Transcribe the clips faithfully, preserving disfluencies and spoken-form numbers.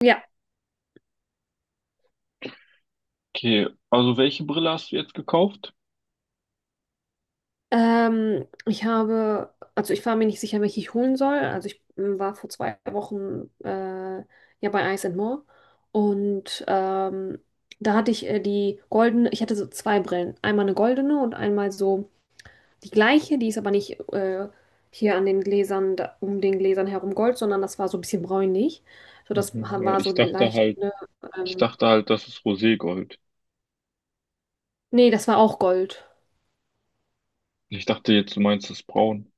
Ja, Okay, also welche Brille hast du jetzt gekauft? ähm, ich habe, also ich war mir nicht sicher, welche ich holen soll. Also ich ähm, war vor zwei Wochen äh, ja bei Ice and More und ähm, da hatte ich äh, die goldene, ich hatte so zwei Brillen. Einmal eine goldene und einmal so die gleiche, die ist aber nicht äh, hier an den Gläsern, da, um den Gläsern herum gold, sondern das war so ein bisschen bräunlich. So, das Mhm, ja, war so ich dachte leicht, halt, ne, ich ähm, dachte halt, das ist Roségold. nee, das war auch Gold. Ich dachte jetzt, du meinst das Braun.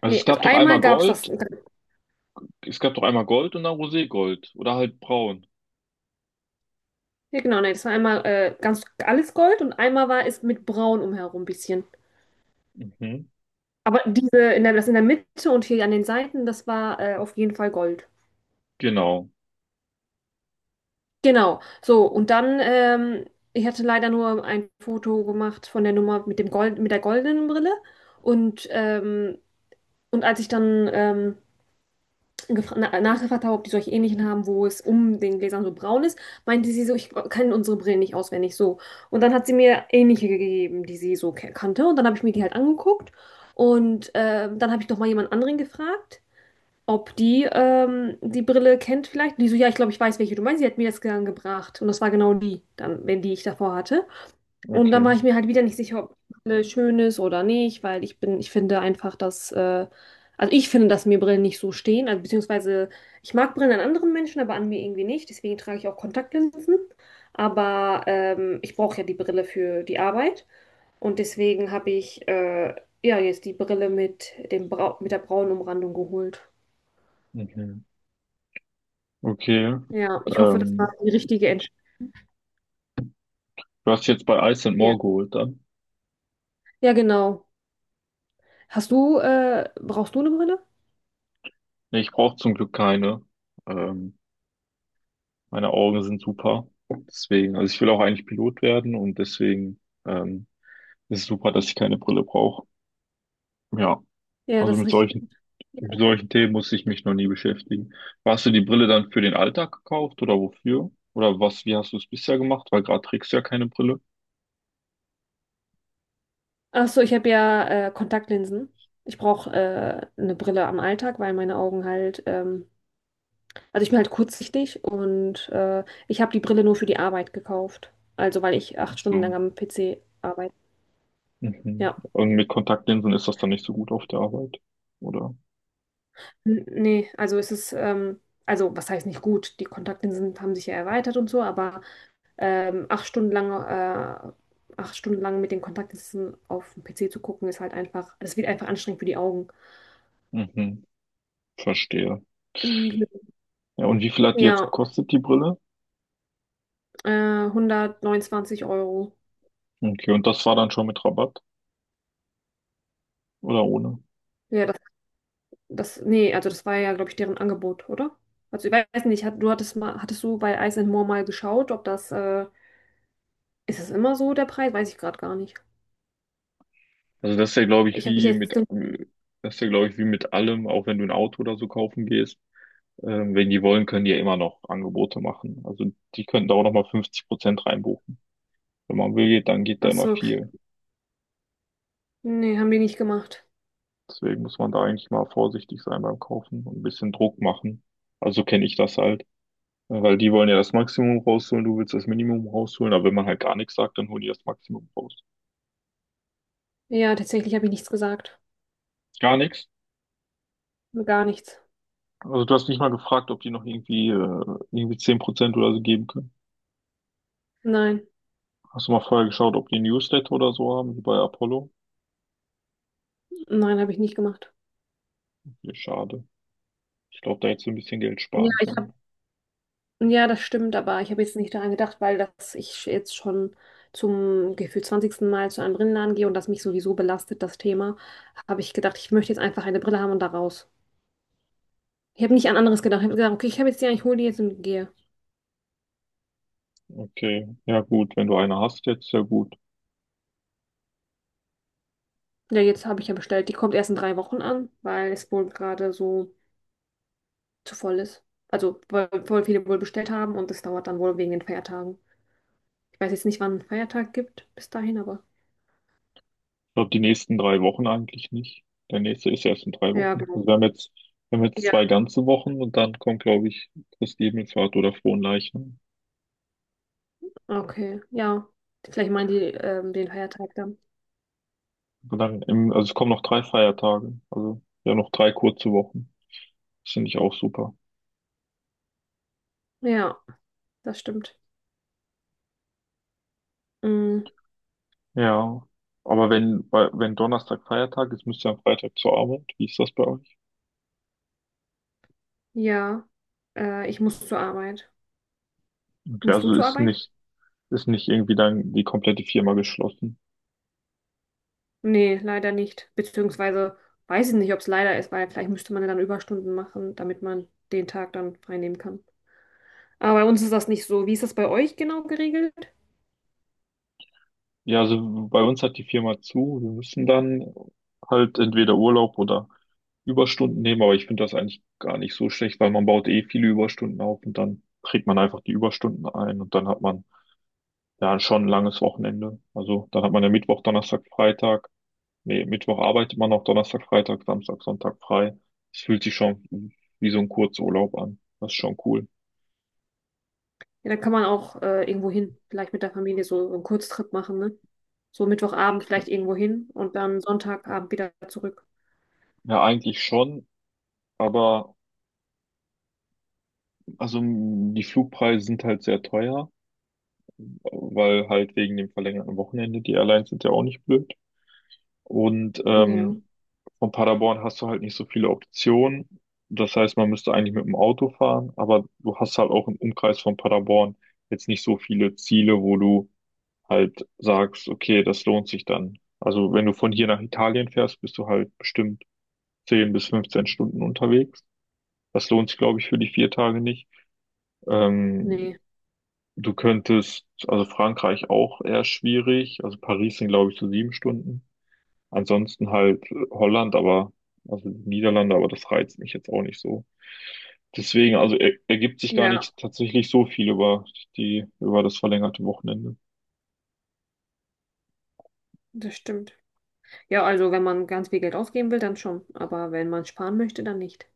Also es Nee, also gab doch einmal einmal gab es das. Gold, es gab doch einmal Gold und dann Roségold oder halt Braun. Ja, genau, nee, das war einmal äh, ganz alles Gold und einmal war es mit Braun umherum ein bisschen. Mhm, Aber diese, in der, das in der Mitte und hier an den Seiten, das war äh, auf jeden Fall Gold. genau. Genau, so, und dann, ähm, ich hatte leider nur ein Foto gemacht von der Nummer mit dem Gold, mit der goldenen Brille. Und, ähm, und als ich dann ähm, gefra- na- nachgefragt habe, ob die solche ähnlichen haben, wo es um den Gläsern so braun ist, meinte sie so, ich kann unsere Brillen nicht auswendig so. Und dann hat sie mir ähnliche gegeben, die sie so ke- kannte. Und dann habe ich mir die halt angeguckt. Und ähm, dann habe ich noch mal jemand anderen gefragt, ob die ähm, die Brille kennt vielleicht. Und die so, ja, ich glaube, ich weiß, welche du meinst. Sie hat mir das dann gebracht. Und das war genau die, dann, wenn die ich davor hatte. Und dann Okay. war ich mir halt wieder nicht sicher, ob Brille schön ist oder nicht, weil ich bin, ich finde einfach, dass, äh, also ich finde, dass mir Brillen nicht so stehen. Also beziehungsweise ich mag Brillen an anderen Menschen, aber an mir irgendwie nicht. Deswegen trage ich auch Kontaktlinsen. Aber ähm, ich brauche ja die Brille für die Arbeit. Und deswegen habe ich äh, ja jetzt die Brille mit dem Brau mit der braunen Umrandung geholt. Mhm. Okay. Ja, ich hoffe, das war Ähm, die richtige Entscheidung. du hast jetzt bei Ice and Ja. More geholt dann? Ja, genau. Hast du, äh, brauchst du eine Brille? Nee, ich brauche zum Glück keine. Ähm, meine Augen sind super. Deswegen, also ich will auch eigentlich Pilot werden und deswegen ähm, ist es super, dass ich keine Brille brauche. Ja. Ja, Also das ist mit richtig. solchen, mit solchen Themen musste ich mich noch nie beschäftigen. Hast du die Brille dann für den Alltag gekauft oder wofür? Oder was, wie hast du es bisher gemacht? Weil gerade trägst du ja keine Brille. Ach so, ich habe ja äh, Kontaktlinsen. Ich brauche äh, eine Brille am Alltag, weil meine Augen halt, ähm, also ich bin halt kurzsichtig und äh, ich habe die Brille nur für die Arbeit gekauft. Also weil ich acht Ach Stunden so. lang am P C arbeite. Mhm. Ja. Und mit Kontaktlinsen ist das dann nicht so gut auf der Arbeit, oder? N Nee, also es ist, ähm, also was heißt nicht gut? Die Kontaktlinsen haben sich ja erweitert und so, aber ähm, acht Stunden lang, äh, acht Stunden lang mit den Kontaktlinsen auf dem P C zu gucken, ist halt einfach, das wird einfach anstrengend für die Augen. Mhm. Verstehe. Mhm. Ja, und wie viel hat die jetzt Ja, gekostet, die Brille? Äh, hundertneunundzwanzig Euro. Okay, und das war dann schon mit Rabatt oder ohne? Ja, das, das, nee, also das war ja, glaube ich, deren Angebot, oder? Also ich weiß nicht, hat, du hattest mal, hattest du bei Ice and More mal geschaut, ob das, äh, ist das immer so der Preis? Weiß ich gerade gar nicht. Also das ist ja, glaube ich, Ich habe mich wie mit, jetzt, das ist ja, glaube ich, wie mit allem, auch wenn du ein Auto oder so kaufen gehst. Ähm, wenn die wollen, können die ja immer noch Angebote machen. Also die könnten da auch nochmal fünfzig Prozent reinbuchen. Wenn man will, dann geht da ach immer so, viel. nee, haben die nicht gemacht. Deswegen muss man da eigentlich mal vorsichtig sein beim Kaufen und ein bisschen Druck machen. Also kenne ich das halt. Ja, weil die wollen ja das Maximum rausholen, du willst das Minimum rausholen, aber wenn man halt gar nichts sagt, dann holen die das Maximum raus. Ja, tatsächlich habe ich nichts gesagt. Gar nichts. Gar nichts. Also du hast nicht mal gefragt, ob die noch irgendwie, äh, irgendwie zehn Prozent oder so geben können. Nein, Hast du mal vorher geschaut, ob die Newsletter oder so haben, wie bei Apollo? nein, habe ich nicht gemacht. Ja, schade. Ich glaube, da hättest du ein bisschen Geld Ja, sparen ich habe können. Ja, das stimmt, aber ich habe jetzt nicht daran gedacht, weil dass ich jetzt schon zum gefühlt zwanzigsten Mal zu einem Brillenladen gehe und das mich sowieso belastet, das Thema, habe ich gedacht, ich möchte jetzt einfach eine Brille haben und da raus. Ich habe nicht an anderes gedacht. Ich habe gesagt, okay, ich habe jetzt die, ich hole die jetzt und gehe. Okay, ja gut, wenn du eine hast jetzt, sehr gut. Ich Ja, jetzt habe ich ja bestellt. Die kommt erst in drei Wochen an, weil es wohl gerade so zu voll ist. Also, weil voll viele wohl bestellt haben und es dauert dann wohl wegen den Feiertagen. Ich weiß jetzt nicht, wann ein Feiertag gibt bis dahin, aber glaube, die nächsten drei Wochen eigentlich nicht. Der nächste ist erst in drei ja, Wochen. genau. Also wir haben jetzt, wir haben jetzt Ja, zwei ganze Wochen und dann kommt, glaube ich, Christi Himmelfahrt oder Fronleichnam. okay, ja. Vielleicht meinen die ähm, den Feiertag dann. Und dann im, also es kommen noch drei Feiertage. Also ja, noch drei kurze Wochen. Das finde ich auch super. Ja, das stimmt. Mm, Ja. Aber wenn, weil- wenn Donnerstag Feiertag ist, müsst ihr am Freitag zur Arbeit. Wie ist das bei euch? ja, äh, ich muss zur Arbeit. Okay, Musst du also zur ist Arbeit? nicht, ist nicht irgendwie dann die komplette Firma geschlossen. Nee, leider nicht. Beziehungsweise weiß ich nicht, ob es leider ist, weil vielleicht müsste man ja dann Überstunden machen, damit man den Tag dann frei nehmen kann. Aber bei uns ist das nicht so. Wie ist das bei euch genau geregelt? Ja, also bei uns hat die Firma zu. Wir müssen dann halt entweder Urlaub oder Überstunden nehmen, aber ich finde das eigentlich gar nicht so schlecht, weil man baut eh viele Überstunden auf und dann trägt man einfach die Überstunden ein und dann hat man ja schon ein langes Wochenende. Also dann hat man ja Mittwoch, Donnerstag, Freitag. Nee, Mittwoch arbeitet man noch, Donnerstag, Freitag, Samstag, Sonntag frei. Es fühlt sich schon wie so ein Kurzurlaub an. Das ist schon cool. Ja, dann kann man auch äh, irgendwo hin, vielleicht mit der Familie so, so einen Kurztrip machen, ne? So Mittwochabend vielleicht irgendwo hin und dann Sonntagabend wieder zurück. Ja, eigentlich schon, aber also m, die Flugpreise sind halt sehr teuer. Weil halt wegen dem verlängerten Wochenende die Airlines sind ja auch nicht blöd. Und Ja, ähm, von Paderborn hast du halt nicht so viele Optionen. Das heißt, man müsste eigentlich mit dem Auto fahren, aber du hast halt auch im Umkreis von Paderborn jetzt nicht so viele Ziele, wo du halt sagst, okay, das lohnt sich dann. Also wenn du von hier nach Italien fährst, bist du halt bestimmt zehn bis fünfzehn Stunden unterwegs. Das lohnt sich, glaube ich, für die vier Tage nicht. Ähm, nee. Du könntest, also Frankreich auch eher schwierig, also Paris sind glaube ich so sieben Stunden. Ansonsten halt äh, Holland, aber, also die Niederlande, aber das reizt mich jetzt auch nicht so. Deswegen, also er, ergibt sich gar Ja, nicht tatsächlich so viel über die, über das verlängerte Wochenende. das stimmt. Ja, also wenn man ganz viel Geld ausgeben will, dann schon. Aber wenn man sparen möchte, dann nicht.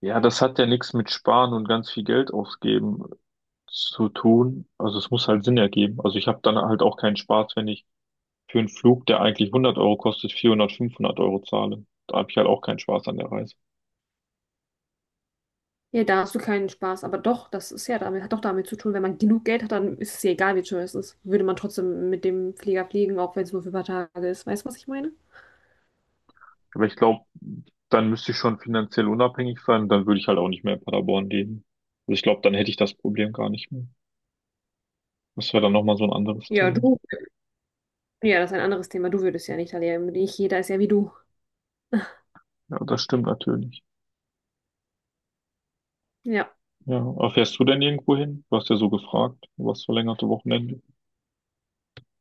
Ja, das hat ja nichts mit Sparen und ganz viel Geld ausgeben zu tun. Also es muss halt Sinn ergeben. Also ich habe dann halt auch keinen Spaß, wenn ich für einen Flug, der eigentlich hundert Euro kostet, vierhundert fünfhundert Euro zahle. Da habe ich halt auch keinen Spaß an der Reise. Ja, da hast du keinen Spaß. Aber doch, das ist ja damit, hat doch damit zu tun, wenn man genug Geld hat, dann ist es ja egal, wie teuer es ist. Würde man trotzdem mit dem Flieger fliegen, auch wenn es nur für ein paar Tage ist. Weißt du, was ich meine? Aber ich glaube, dann müsste ich schon finanziell unabhängig sein, dann würde ich halt auch nicht mehr in Paderborn leben. Also ich glaube, dann hätte ich das Problem gar nicht mehr. Das wäre dann nochmal so ein anderes Ja, Thema. du. Ja, das ist ein anderes Thema. Du würdest ja nicht, Alia. Nicht jeder ist ja wie du. Ja, das stimmt natürlich. Ja. Ja, aber fährst du denn irgendwo hin? Du hast ja so gefragt, du hast verlängerte Wochenende.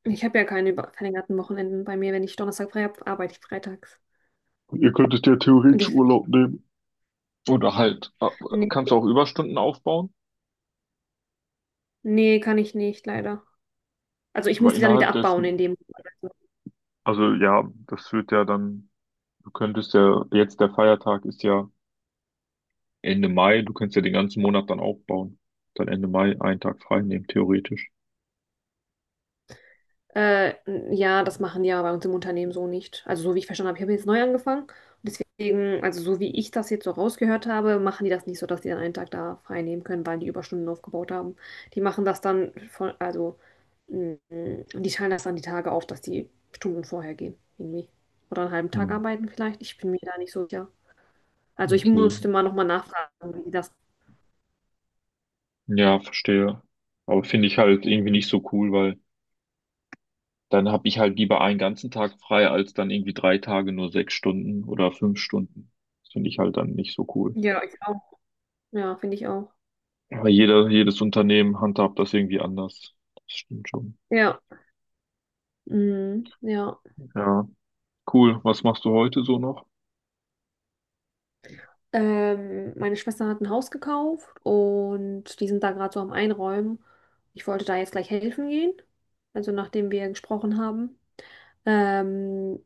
Ich habe ja keine über- verlängerten Wochenenden bei mir. Wenn ich Donnerstag frei habe, arbeite ich freitags. Ihr könntet ja Und theoretisch deswegen, Urlaub nehmen. Oder halt, äh, kannst du nee, auch Überstunden aufbauen, nee, kann ich nicht, leider. Also ich aber muss die dann wieder innerhalb abbauen dessen, in dem. also ja, das wird ja dann, du könntest ja, jetzt der Feiertag ist ja Ende Mai, du kannst ja den ganzen Monat dann aufbauen. Dann Ende Mai einen Tag frei nehmen, theoretisch. Äh, ja, das machen die aber bei uns im Unternehmen so nicht. Also so wie ich verstanden habe, ich habe jetzt neu angefangen. Deswegen, also so wie ich das jetzt so rausgehört habe, machen die das nicht so, dass die dann einen Tag da frei nehmen können, weil die Überstunden aufgebaut haben. Die machen das dann von, also mh, die teilen das dann die Tage auf, dass die Stunden vorher gehen, irgendwie. Oder einen halben Tag Hm, arbeiten vielleicht. Ich bin mir da nicht so sicher. Also ich okay. musste mal nochmal nachfragen, wie die das. Ja, verstehe. Aber finde ich halt irgendwie nicht so cool, weil dann habe ich halt lieber einen ganzen Tag frei, als dann irgendwie drei Tage nur sechs Stunden oder fünf Stunden. Das finde ich halt dann nicht so cool. Ja, ich auch. Ja, finde ich auch. Aber jeder, jedes Unternehmen handhabt das irgendwie anders. Das stimmt schon. Ja. Mhm, ja. Ja, cool. Was machst du heute so noch? Ähm, meine Schwester hat ein Haus gekauft und die sind da gerade so am Einräumen. Ich wollte da jetzt gleich helfen gehen, also nachdem wir gesprochen haben. Ähm,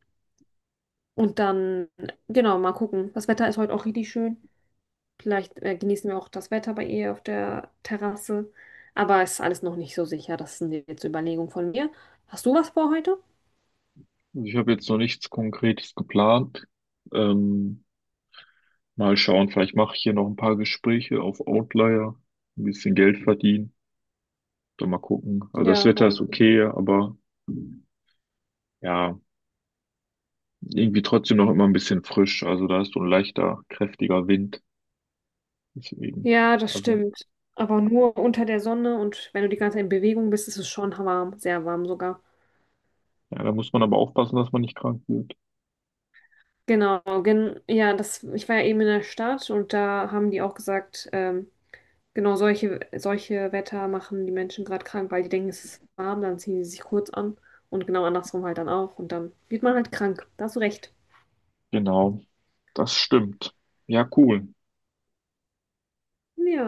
und dann, genau, mal gucken. Das Wetter ist heute auch richtig schön. Vielleicht äh, genießen wir auch das Wetter bei ihr auf der Terrasse. Aber es ist alles noch nicht so sicher. Das sind jetzt Überlegungen von mir. Hast du was vor heute? Also ich habe jetzt noch nichts Konkretes geplant. Ähm, Mal schauen, vielleicht mache ich hier noch ein paar Gespräche auf Outlier, ein bisschen Geld verdienen, dann mal gucken. Also das Ja. Wetter ist okay, aber ja, irgendwie trotzdem noch immer ein bisschen frisch. Also da ist so ein leichter, kräftiger Wind. Deswegen, Ja, das also stimmt. Aber nur unter der Sonne und wenn du die ganze Zeit in Bewegung bist, ist es schon warm, sehr warm sogar. ja, da muss man aber aufpassen, dass man nicht krank wird. Genau, gen ja, das, ich war ja eben in der Stadt und da haben die auch gesagt, ähm, genau solche, solche Wetter machen die Menschen gerade krank, weil die denken, es ist warm, dann ziehen sie sich kurz an und genau andersrum halt dann auch und dann wird man halt krank. Da hast du recht. Genau, das stimmt. Ja, cool. Ja.